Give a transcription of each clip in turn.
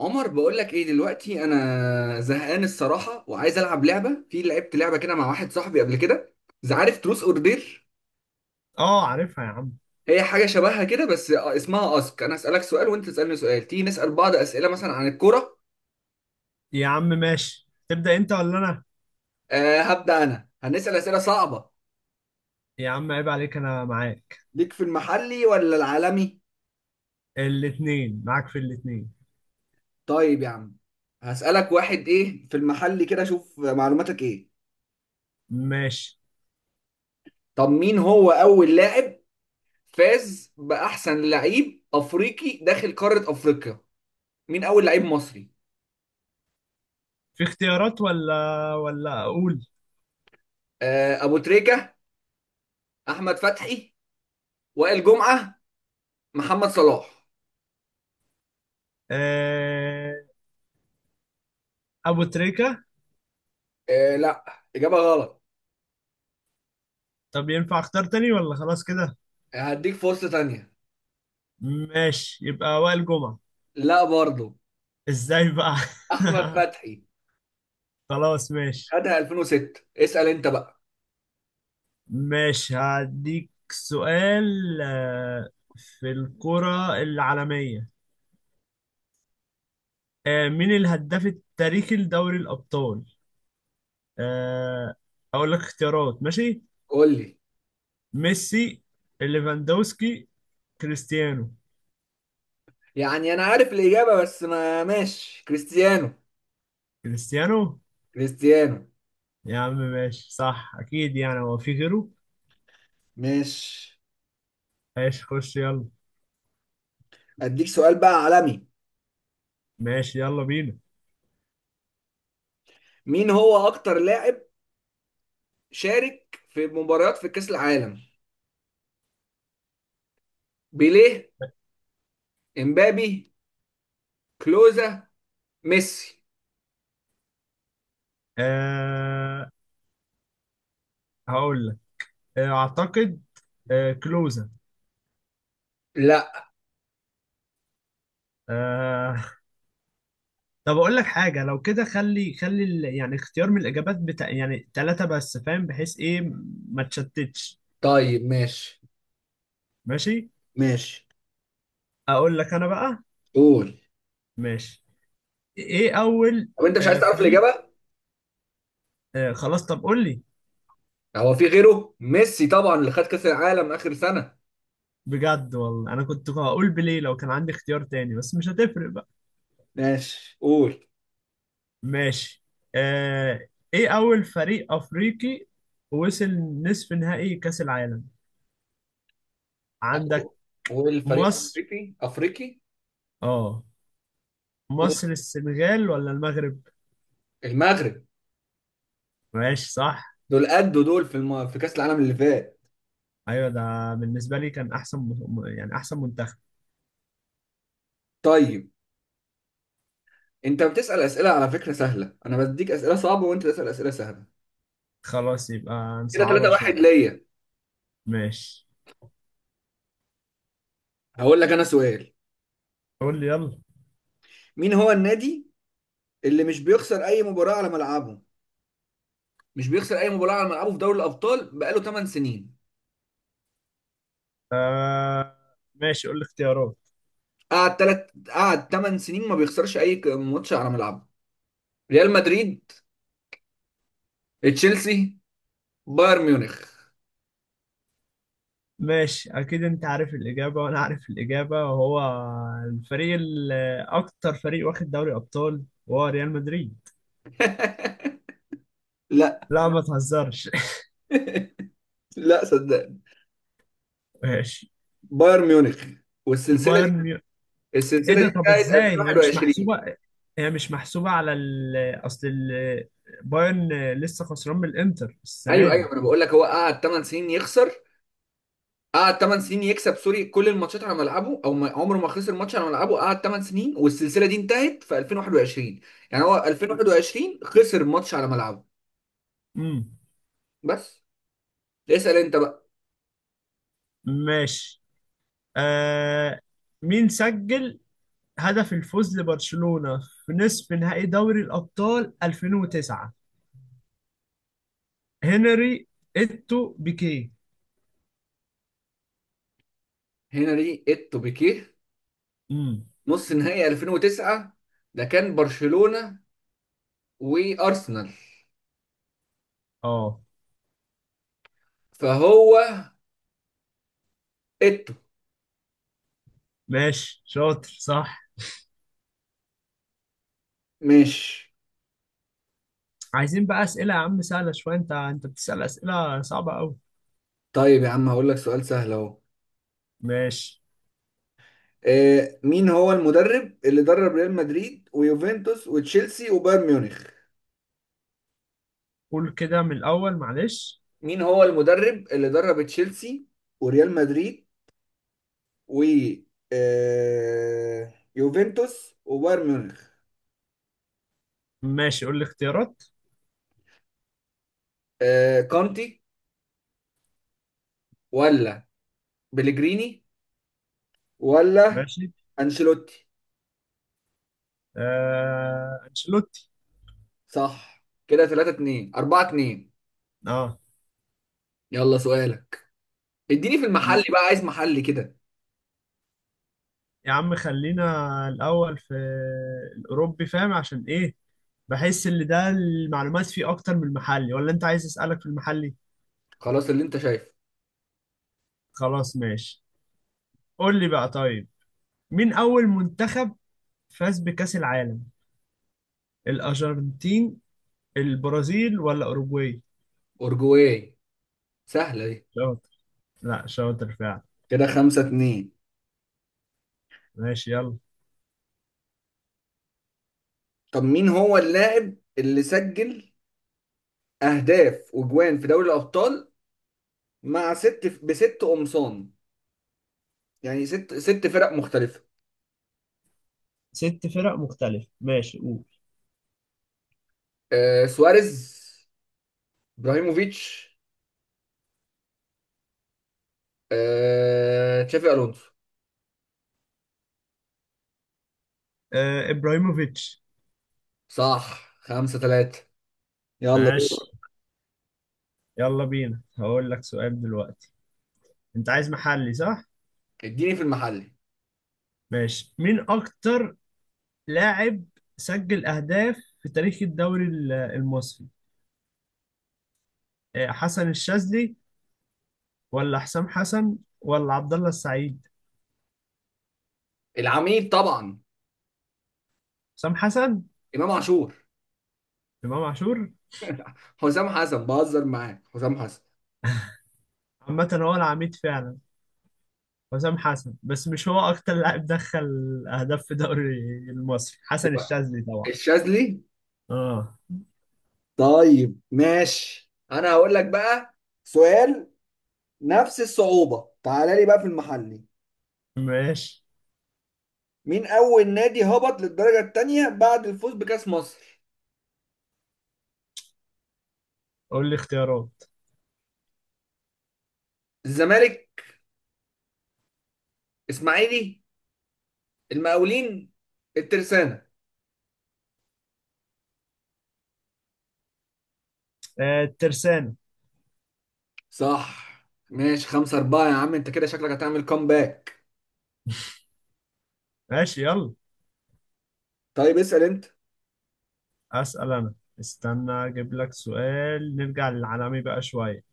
عمر، بقول لك ايه دلوقتي؟ انا زهقان الصراحه، وعايز العب لعبه. في لعبت لعبه كده مع واحد صاحبي قبل كده. إذا عارف تروس اوردر، اه عارفها يا عم. هي حاجه شبهها كده، بس اسمها اسك. انا اسالك سؤال وانت تسالني سؤال. تيجي نسال بعض اسئله مثلا عن الكوره؟ يا عم ماشي، تبدأ انت ولا انا؟ هبدا انا، هنسال اسئله صعبه. يا عم عيب عليك، انا معاك. ليك في المحلي ولا العالمي؟ الاتنين معاك، في الاتنين. طيب يا عم. هسالك واحد، ايه في المحلي كده اشوف معلوماتك ايه. ماشي. طب مين هو اول لاعب فاز باحسن لعيب افريقي داخل قاره افريقيا؟ مين اول لعيب مصري؟ في اختيارات ولا ولا اقول؟ ابو تريكة، احمد فتحي، وائل جمعة، محمد صلاح. آه... ابو تريكة. لا، اجابة غلط. طب ينفع اختار تاني ولا خلاص كده؟ هديك فرصة تانية. ماشي يبقى وائل جمعة. لا برضو، ازاي بقى؟ احمد فتحي. خلاص ماشي. خدها 2006. اسأل انت بقى. ماشي هديك سؤال. في الكرة العالمية. مين الهداف التاريخي لدوري الأبطال؟ آه، اقول لك اختيارات؟ ماشي. قول لي. ميسي، ليفاندوسكي، كريستيانو. يعني انا عارف الاجابة، بس ما ماشي كريستيانو. كريستيانو. كريستيانو. يا عم ماشي صح اكيد، يعني هو في غيره. ماشي. ماشي خش يلا. اديك سؤال بقى عالمي. ماشي يلا بينا. مين هو اكتر لاعب شارك في مباريات في كأس العالم؟ بيليه، امبابي، كلوزا، ميسي. أه هقول لك. اعتقد أه كلوزا. لا. أه طب اقول لك حاجه، لو كده خلي يعني اختيار من الاجابات بتاع يعني ثلاثه بس، فاهم؟ بحيث ايه ما تشتتش. طيب ماشي. ماشي. ماشي، اقول لك انا بقى. قول. ماشي. ايه اول طب انت مش عايز تعرف فريق. الاجابه؟ آه خلاص طب قول لي. هو في غيره ميسي طبعا، اللي خد كاس العالم اخر سنه. بجد والله انا كنت هقول بليه لو كان عندي اختيار تاني، بس مش هتفرق بقى. ماشي قول. ماشي. آه. ايه اول فريق افريقي وصل نصف نهائي كاس العالم عندك؟ والفريق مصر. افريقي افريقي؟ اه قول. مصر، السنغال ولا المغرب؟ المغرب. ماشي صح. دول قدوا دول في كاس العالم اللي فات. ايوه ده بالنسبه لي كان احسن يعني احسن منتخب. طيب، انت بتسال اسئله على فكره سهله، انا بديك اسئله صعبه وانت تسال اسئله سهله. خلاص يبقى كده نصعبها 3-1 شويه. ليا. ماشي هقول لك انا سؤال. قول لي يلا. مين هو النادي اللي مش بيخسر اي مباراه على ملعبه؟ مش بيخسر اي مباراه على ملعبه في دوري الابطال بقاله 8 سنين. آه ماشي قول لي اختيارات. قعد 8 سنين ما بيخسرش اي ماتش على ملعبه. ريال مدريد، تشيلسي، بايرن ميونخ. ماشي اكيد انت عارف الاجابه وانا عارف الاجابه وهو الفريق ال- اكتر فريق واخد دوري ابطال وهو ريال مدريد. لا. لا ما تهزرش. لا، صدقني. ماشي. بايرن ميونخ. والسلسله دي، بايرن ميو... ايه السلسله دي ده؟ طب بتاعت ازاي هي مش 2021. محسوبه؟ هي مش محسوبه اصل ال... بايرن لسه خسران من الانتر السنه ايوه دي. ايوه، انا بقول لك هو قعد 8 سنين يخسر. قعد 8 سنين يكسب، سوري، كل الماتشات على ملعبه، او ما عمره ما خسر ماتش على ملعبه. قعد 8 سنين، والسلسله دي انتهت في 2021. يعني هو 2021 خسر ماتش على ملعبه امم بس. اسال انت بقى. ماشي. آه... مين سجل هدف الفوز لبرشلونه في نصف نهائي دوري الابطال 2009؟ هنري، اتو، بيكيه. هنري التوبيكيه. امم نص نهائي 2009، ده كان برشلونة وارسنال، اه فهو اتو. ماشي شاطر صح. ماشي. عايزين بقى اسئله يا عم سهله شويه، انت بتسال اسئله صعبه قوي. طيب يا عم هقول لك سؤال سهل اهو. ماشي. مين هو المدرب اللي درب ريال مدريد ويوفنتوس وتشيلسي وبايرن ميونخ؟ قول كده من الاول معلش. مين هو المدرب اللي درب تشيلسي وريال مدريد و يوفنتوس وبايرن ميونخ؟ ماشي قول لي اختيارات. كونتي، ولا بليجريني، ولا ماشي. انشيلوتي. انشيلوتي. صح. كده 3-2 4-2. اه. يلا سؤالك. اديني في م. المحل بقى، عايز محل كده. يا عم خلينا الاول في الاوروبي، فاهم عشان ايه؟ بحس ان ده المعلومات فيه اكتر من المحلي، ولا انت عايز اسالك في المحلي؟ خلاص اللي انت شايفه. خلاص ماشي. قول لي بقى طيب. مين اول منتخب فاز بكأس العالم؟ الأرجنتين، البرازيل ولا أوروجواي؟ اورجواي، سهلة دي. شاطر. لا شاطر فعلا. كده 5-2. ماشي يلا. طب مين هو اللاعب اللي سجل اهداف وجوان في دوري الابطال مع بست قمصان، يعني ست ست فرق مختلفة؟ ست فرق مختلفة، ماشي قول. سواريز، ابراهيموفيتش، تشافي الونسو. آه إبراهيموفيتش. صح، 5-3. يلا دور. ماشي. يلا بينا هقول لك سؤال دلوقتي. أنت عايز محلي صح؟ اديني في المحل. ماشي. مين أكتر لاعب سجل أهداف في تاريخ الدوري المصري؟ آه حسن الشاذلي ولا حسام حسن ولا عبد الله السعيد؟ العميد طبعا. حسام حسن. امام عاشور. إمام عاشور. حسام حسن بهزر معاك. حسام حسن؟ عامة هو العميد فعلا حسام حسن، بس مش هو اكتر لاعب دخل اهداف في دوري المصري. حسن الشاذلي طبعا. الشاذلي. اه. طيب ماشي، انا هقول لك بقى سؤال نفس الصعوبة، تعالى لي بقى في المحلي. ماشي مين أول نادي هبط للدرجة التانية بعد الفوز بكأس مصر؟ قول لي اختيارات. الزمالك، اسماعيلي، المقاولين، الترسانة. آه الترسانة. صح. ماشي، 5-4 يا عم، أنت كده شكلك هتعمل كومباك. ماشي يلا. طيب اسأل أنت. اسال انا. استنى اجيب لك سؤال نرجع للعالمي بقى شويه.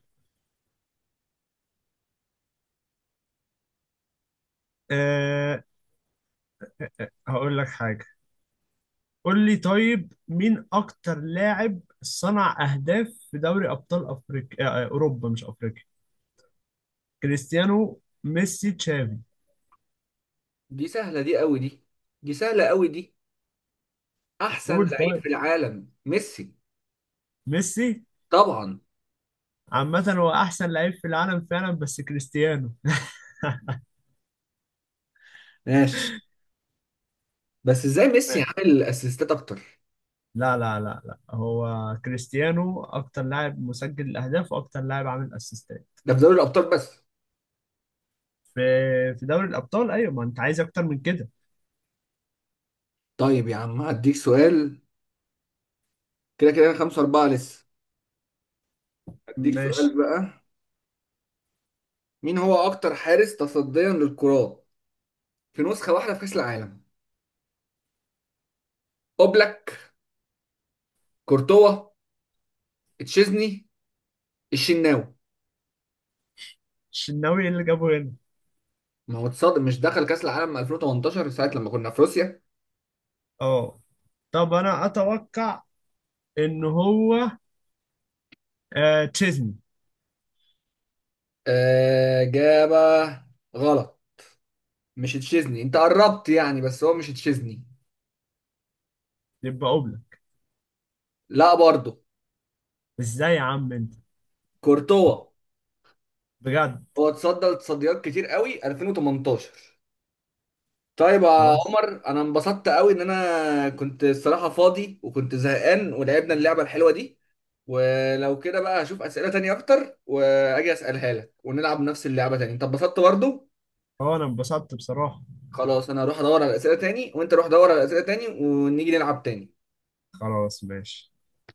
آه هقول لك حاجه. قول لي طيب مين اكتر لاعب صنع اهداف في دوري ابطال افريقيا آه آه، اوروبا مش افريقيا. كريستيانو، ميسي، تشافي. دي سهلة دي قوي دي دي سهلة قوي دي. احسن قول لعيب طيب. في العالم ميسي ميسي. طبعا. عامة هو أحسن لعيب في العالم فعلا، بس كريستيانو. ماشي. بس ازاي ميسي عامل اسيستات اكتر؟ لا هو كريستيانو أكتر لاعب مسجل الأهداف وأكتر لاعب عامل أسيستات. ده في دوري الابطال بس. في في دوري الأبطال، أيوة ما أنت عايز أكتر من كده. طيب يا عم هديك سؤال. كده كده أنا 5-4 لسه. هديك ماشي. سؤال بقى. مين هو أكتر حارس تصديا للكرات في نسخة واحدة في كأس العالم؟ أوبلاك، كورتوا، تشيزني، الشناوي. الشناوي اللي جابه هنا. ما هو تصدق مش دخل كأس العالم 2018 ساعة لما كنا في روسيا. أه. طب أنا أتوقع إن هو تشيزني. إجابة غلط. مش تشيزني، أنت قربت يعني بس هو مش تشيزني. يبقى أوبلاك. لا برضه. إزاي يا عم أنت؟ كورتوا. بجد. هو تصدى لتصديات كتير قوي 2018. طيب يا خلاص. عمر، انا انبسطت قوي ان انا كنت الصراحه فاضي وكنت زهقان، ولعبنا اللعبه الحلوه دي. ولو كده بقى هشوف اسئله تانية اكتر واجي اسالها لك، ونلعب نفس اللعبه تاني. انت انبسطت برضو؟ هو أنا انبسطت بصراحة. خلاص، انا هروح ادور على اسئله تاني، وانت روح دور على اسئله تاني، ونيجي نلعب تاني. خلاص ماشي.